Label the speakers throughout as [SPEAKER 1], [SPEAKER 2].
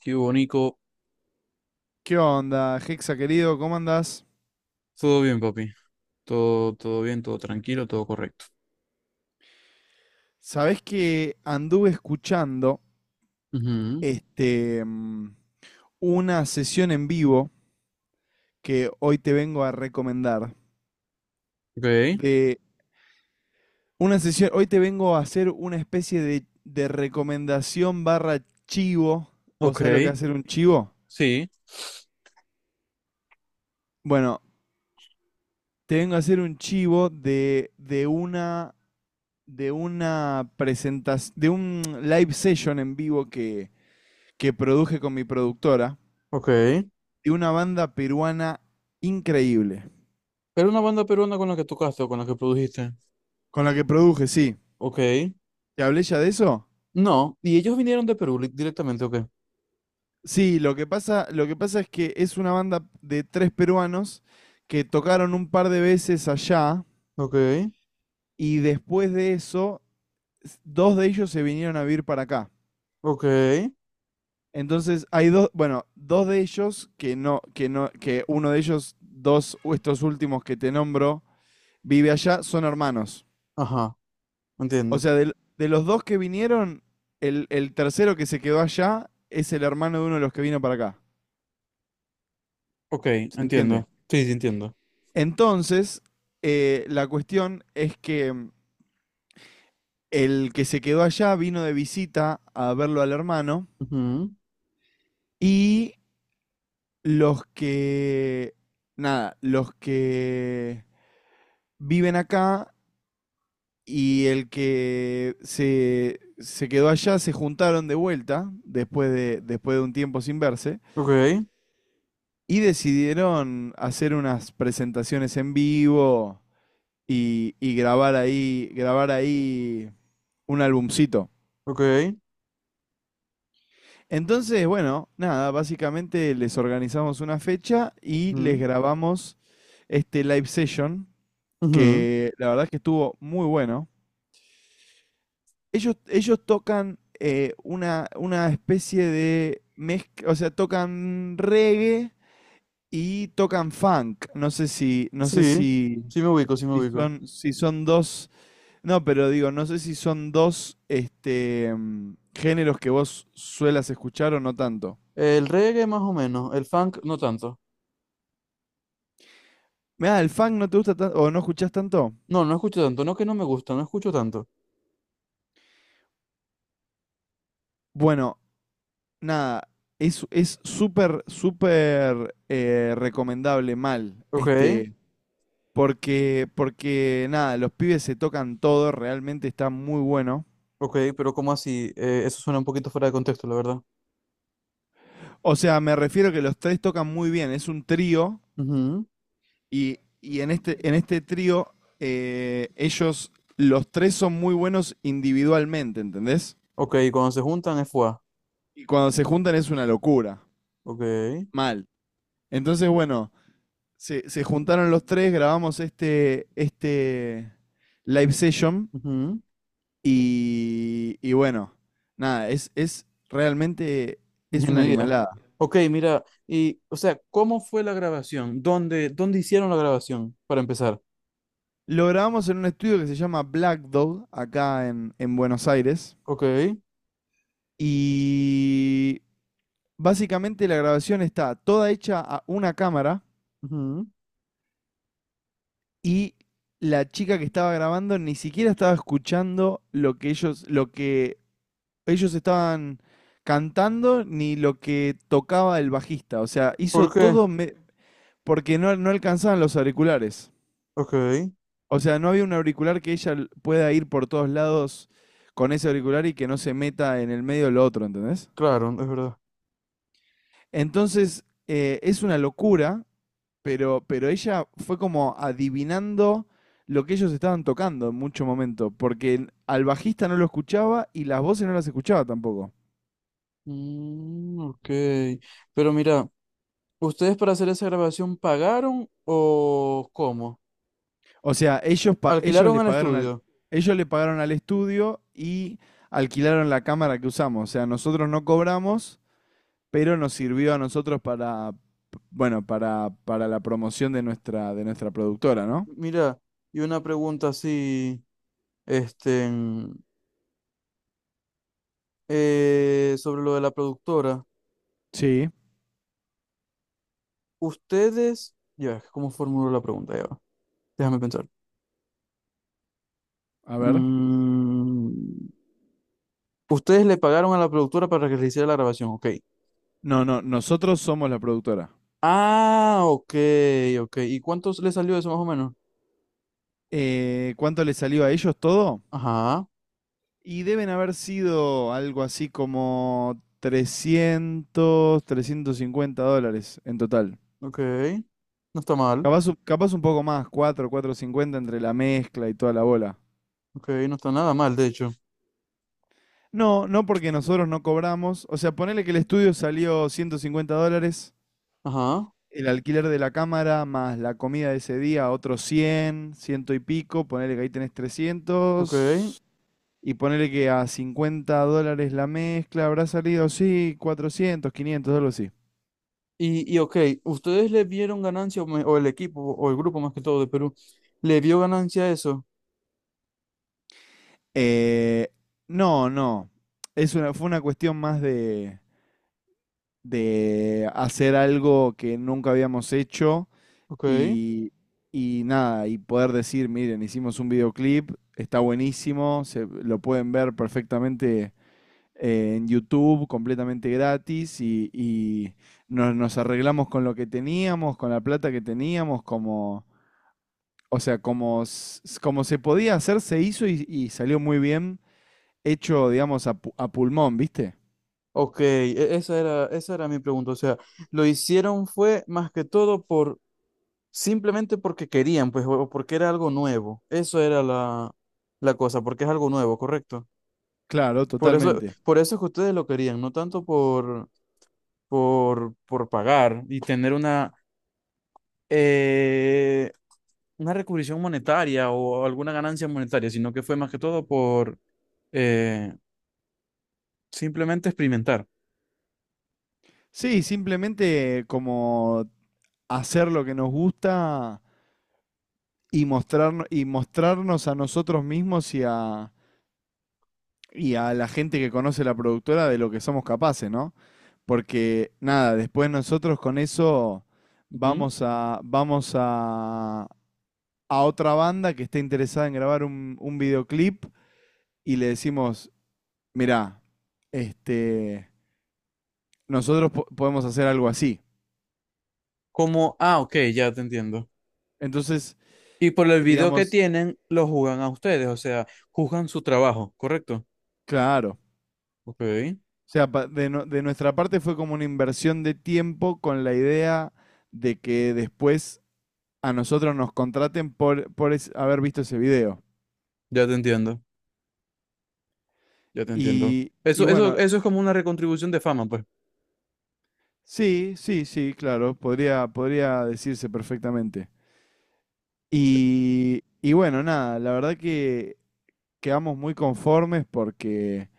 [SPEAKER 1] Qué bonito.
[SPEAKER 2] ¿Qué onda, Hexa querido? ¿Cómo andás?
[SPEAKER 1] Todo bien, papi. Todo, todo bien, todo tranquilo, todo correcto.
[SPEAKER 2] Sabés que anduve escuchando
[SPEAKER 1] Ujú.
[SPEAKER 2] este, mm, una sesión en vivo que hoy te vengo a recomendar.
[SPEAKER 1] Ok,
[SPEAKER 2] De una sesión, hoy te vengo a hacer una especie de recomendación barra chivo. ¿Vos
[SPEAKER 1] ok,
[SPEAKER 2] sabés lo que es hacer un chivo?
[SPEAKER 1] sí,
[SPEAKER 2] Bueno, te vengo a hacer un chivo de una presentación, de un live session en vivo que produje con mi productora
[SPEAKER 1] ok.
[SPEAKER 2] de una banda peruana increíble.
[SPEAKER 1] Era una banda peruana con la que tocaste o con la que produjiste.
[SPEAKER 2] Con la que produje, sí.
[SPEAKER 1] Ok.
[SPEAKER 2] ¿Te hablé ya de eso?
[SPEAKER 1] No, y ellos vinieron de Perú directamente, ok.
[SPEAKER 2] Sí, lo que pasa es que es una banda de tres peruanos que tocaron un par de veces allá
[SPEAKER 1] Ok,
[SPEAKER 2] y después de eso, dos de ellos se vinieron a vivir para acá.
[SPEAKER 1] ok.
[SPEAKER 2] Entonces hay dos, bueno, dos de ellos que no, que uno de ellos, dos, estos últimos que te nombro, vive allá, son hermanos.
[SPEAKER 1] Ajá,
[SPEAKER 2] O
[SPEAKER 1] entiendo.
[SPEAKER 2] sea, de los dos que vinieron, el tercero que se quedó allá es el hermano de uno de los que vino para acá.
[SPEAKER 1] Ok,
[SPEAKER 2] ¿Se entiende?
[SPEAKER 1] entiendo. Sí, sí, entiendo.
[SPEAKER 2] Entonces, la cuestión es que el que se quedó allá vino de visita a verlo al hermano
[SPEAKER 1] Ujú.
[SPEAKER 2] y los que, nada, los que viven acá y el que se quedó allá se juntaron de vuelta después de un tiempo sin verse.
[SPEAKER 1] Ok,
[SPEAKER 2] Y decidieron hacer unas presentaciones en vivo y grabar ahí un albumcito.
[SPEAKER 1] ok.
[SPEAKER 2] Entonces, bueno, nada, básicamente les organizamos una fecha y les
[SPEAKER 1] Ujú,
[SPEAKER 2] grabamos este live session,
[SPEAKER 1] ujú.
[SPEAKER 2] que la verdad es que estuvo muy bueno. Ellos tocan una especie de mezcla, o sea, tocan reggae y tocan funk. No sé si, no sé
[SPEAKER 1] Sí,
[SPEAKER 2] si,
[SPEAKER 1] sí me ubico, sí me
[SPEAKER 2] Si
[SPEAKER 1] ubico.
[SPEAKER 2] son, si son dos, no, pero digo, no sé si son dos géneros que vos suelas escuchar o no tanto.
[SPEAKER 1] El reggae más o menos, el funk no tanto.
[SPEAKER 2] Mirá, el funk no te gusta tanto o no escuchás tanto.
[SPEAKER 1] No, no escucho tanto, no que no me gusta, no escucho tanto.
[SPEAKER 2] Bueno, nada, es súper, súper recomendable mal,
[SPEAKER 1] Ok,
[SPEAKER 2] porque nada, los pibes se tocan todo, realmente está muy bueno.
[SPEAKER 1] ok, pero ¿cómo así? Eso suena un poquito fuera de contexto, la verdad.
[SPEAKER 2] O sea, me refiero que los tres tocan muy bien, es un trío.
[SPEAKER 1] Ujú.
[SPEAKER 2] Y en este trío, ellos, los tres son muy buenos individualmente, ¿entendés?
[SPEAKER 1] Ok, cuando se juntan es FUA.
[SPEAKER 2] Y cuando se juntan es una locura.
[SPEAKER 1] Ok.
[SPEAKER 2] Mal. Entonces, bueno, se juntaron los tres, grabamos este live session
[SPEAKER 1] ujú,
[SPEAKER 2] y bueno, nada, es realmente es una
[SPEAKER 1] Ingeniería.
[SPEAKER 2] animalada.
[SPEAKER 1] Ok, mira, y, o sea, ¿cómo fue la grabación? ¿Dónde hicieron la grabación, para empezar?
[SPEAKER 2] Lo grabamos en un estudio que se llama Black Dog, acá en Buenos Aires.
[SPEAKER 1] Ok.
[SPEAKER 2] Y básicamente la grabación está toda hecha a una cámara
[SPEAKER 1] ujú,
[SPEAKER 2] y la chica que estaba grabando ni siquiera estaba escuchando lo que ellos estaban cantando ni lo que tocaba el bajista. O sea, hizo
[SPEAKER 1] ¿Por qué?
[SPEAKER 2] todo porque no alcanzaban los auriculares.
[SPEAKER 1] Ok,
[SPEAKER 2] O sea, no había un auricular que ella pueda ir por todos lados con ese auricular y que no se meta en el medio de lo otro, ¿entendés?
[SPEAKER 1] claro, es verdad.
[SPEAKER 2] Entonces, es una locura pero ella fue como adivinando lo que ellos estaban tocando en mucho momento, porque al bajista no lo escuchaba y las voces no las escuchaba tampoco.
[SPEAKER 1] Ok, pero mira, ¿ustedes para hacer esa grabación pagaron o cómo?
[SPEAKER 2] O sea, ellos, pa- ellos,
[SPEAKER 1] ¿Alquilaron
[SPEAKER 2] le
[SPEAKER 1] el
[SPEAKER 2] pagaron al,
[SPEAKER 1] estudio?
[SPEAKER 2] ellos le pagaron al estudio y alquilaron la cámara que usamos. O sea, nosotros no cobramos, pero nos sirvió a nosotros para, bueno, para la promoción de nuestra productora, ¿no?
[SPEAKER 1] Mira, y una pregunta así, este, sobre lo de la productora.
[SPEAKER 2] Sí,
[SPEAKER 1] Ustedes, ya, ¿cómo formulo la pregunta? Ya va, déjame pensar.
[SPEAKER 2] a ver.
[SPEAKER 1] Mm, ustedes le pagaron a la productora para que le hiciera la grabación, ok.
[SPEAKER 2] No, no, nosotros somos la productora.
[SPEAKER 1] Ah, ok, ok. ¿Y cuánto le salió eso más o menos?
[SPEAKER 2] ¿Cuánto le salió a ellos todo?
[SPEAKER 1] Ajá,
[SPEAKER 2] Y deben haber sido algo así como 300, $350 en total.
[SPEAKER 1] ok. No está mal,
[SPEAKER 2] Capaz, capaz un poco más, cuatro, 450 entre la mezcla y toda la bola.
[SPEAKER 1] ok, no está nada mal, de hecho.
[SPEAKER 2] No, no porque nosotros no cobramos. O sea, ponele que el estudio salió $150,
[SPEAKER 1] Ajá,
[SPEAKER 2] el alquiler de la cámara más la comida de ese día, otros 100, ciento y pico. Ponele que ahí tenés
[SPEAKER 1] ok.
[SPEAKER 2] 300. Y ponele que a $50 la mezcla habrá salido, sí, 400, 500 algo así.
[SPEAKER 1] Y ok, ¿ustedes le vieron ganancia o el equipo o el grupo más que todo de Perú? ¿Le vio ganancia a eso?
[SPEAKER 2] Eh, no, no. Fue una cuestión más de hacer algo que nunca habíamos hecho
[SPEAKER 1] Ok,
[SPEAKER 2] y, y nada, y poder decir, miren, hicimos un videoclip, está buenísimo, lo pueden ver perfectamente en YouTube, completamente gratis, y nos arreglamos con lo que teníamos, con la plata que teníamos, como, o sea, como se podía hacer, se hizo y salió muy bien hecho, digamos, a pulmón, ¿viste?
[SPEAKER 1] ok, esa era mi pregunta. O sea, lo hicieron fue más que todo por simplemente porque querían, pues, o porque era algo nuevo. Eso era la cosa, porque es algo nuevo, ¿correcto?
[SPEAKER 2] Claro,
[SPEAKER 1] Por eso,
[SPEAKER 2] totalmente.
[SPEAKER 1] por eso es que ustedes lo querían, no tanto por pagar y tener eh, una recubrición monetaria o alguna ganancia monetaria, sino que fue más que todo por eh, simplemente experimentar.
[SPEAKER 2] Sí, simplemente como hacer lo que nos gusta y mostrarnos a nosotros mismos y a la gente que conoce la productora de lo que somos capaces, ¿no? Porque nada, después nosotros con eso
[SPEAKER 1] Ujú.
[SPEAKER 2] vamos a otra banda que esté interesada en grabar un videoclip y le decimos, mirá, este, nosotros podemos hacer algo así.
[SPEAKER 1] Como, ah, ok, ya te entiendo.
[SPEAKER 2] Entonces,
[SPEAKER 1] Y por el video que
[SPEAKER 2] digamos,
[SPEAKER 1] tienen, lo juzgan a ustedes, o sea, juzgan su trabajo, ¿correcto?
[SPEAKER 2] claro. O
[SPEAKER 1] Ok,
[SPEAKER 2] sea, pa- de, no- de nuestra parte fue como una inversión de tiempo con la idea de que después a nosotros nos contraten por haber visto ese video.
[SPEAKER 1] ya te entiendo, ya te entiendo.
[SPEAKER 2] Y
[SPEAKER 1] Eso, eso,
[SPEAKER 2] bueno,
[SPEAKER 1] eso es como una recontribución de fama, pues.
[SPEAKER 2] sí, sí, sí, claro, podría decirse perfectamente. Y bueno, nada, la verdad que quedamos muy conformes porque,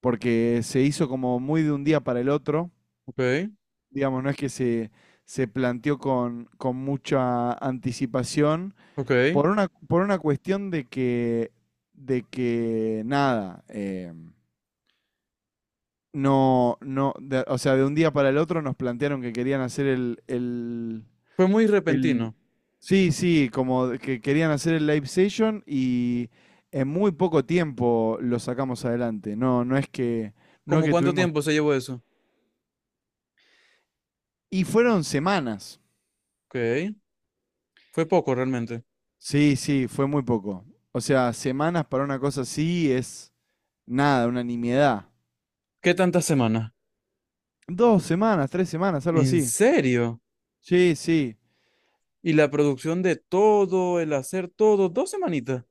[SPEAKER 2] se hizo como muy de un día para el otro.
[SPEAKER 1] Ok,
[SPEAKER 2] Digamos, no es que se planteó con mucha anticipación
[SPEAKER 1] ok.
[SPEAKER 2] por una cuestión de que nada, no, no, o sea, de un día para el otro nos plantearon que querían hacer el, el,
[SPEAKER 1] Fue muy
[SPEAKER 2] el-
[SPEAKER 1] repentino.
[SPEAKER 2] sí, sí, como de que querían hacer el live session y en muy poco tiempo lo sacamos adelante. No, no es que, no es
[SPEAKER 1] ¿Cómo
[SPEAKER 2] que
[SPEAKER 1] cuánto
[SPEAKER 2] tuvimos,
[SPEAKER 1] tiempo se llevó eso?
[SPEAKER 2] y fueron semanas.
[SPEAKER 1] Ok, fue poco realmente.
[SPEAKER 2] Sí, sí, fue muy poco. O sea, semanas para una cosa así es nada, una nimiedad.
[SPEAKER 1] ¿Qué tantas semanas?
[SPEAKER 2] 2 semanas, 3 semanas, algo
[SPEAKER 1] ¿En
[SPEAKER 2] así.
[SPEAKER 1] serio?
[SPEAKER 2] Sí, sí.
[SPEAKER 1] Y la producción de todo, el hacer todo, dos semanitas.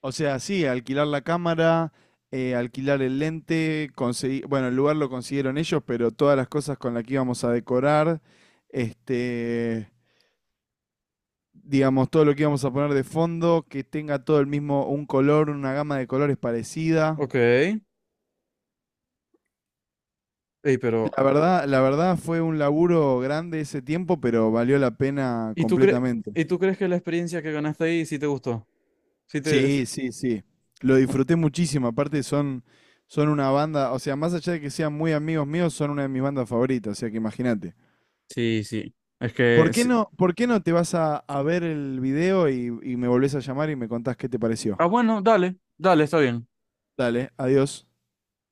[SPEAKER 2] O sea, sí, alquilar la cámara, alquilar el lente, conseguir, bueno, el lugar lo consiguieron ellos, pero todas las cosas con las que íbamos a decorar, este, digamos, todo lo que íbamos a poner de fondo, que tenga todo el mismo, un color, una gama de colores parecida.
[SPEAKER 1] Ok. Ey, pero,
[SPEAKER 2] La verdad, fue un laburo grande ese tiempo, pero valió la pena
[SPEAKER 1] ¿y tú crees,
[SPEAKER 2] completamente.
[SPEAKER 1] y tú crees que la experiencia que ganaste ahí sí te gustó? Sí te... es-
[SPEAKER 2] Sí, sí, sí. Lo disfruté muchísimo. Aparte son una banda, o sea, más allá de que sean muy amigos míos, son una de mis bandas favoritas, o sea que imagínate.
[SPEAKER 1] Sí, sí. Es que...
[SPEAKER 2] ¿Por qué
[SPEAKER 1] sí.
[SPEAKER 2] no, por qué no te vas a ver el video y me volvés a llamar y me contás qué te
[SPEAKER 1] Ah,
[SPEAKER 2] pareció?
[SPEAKER 1] bueno, dale, dale, está bien.
[SPEAKER 2] Dale, adiós.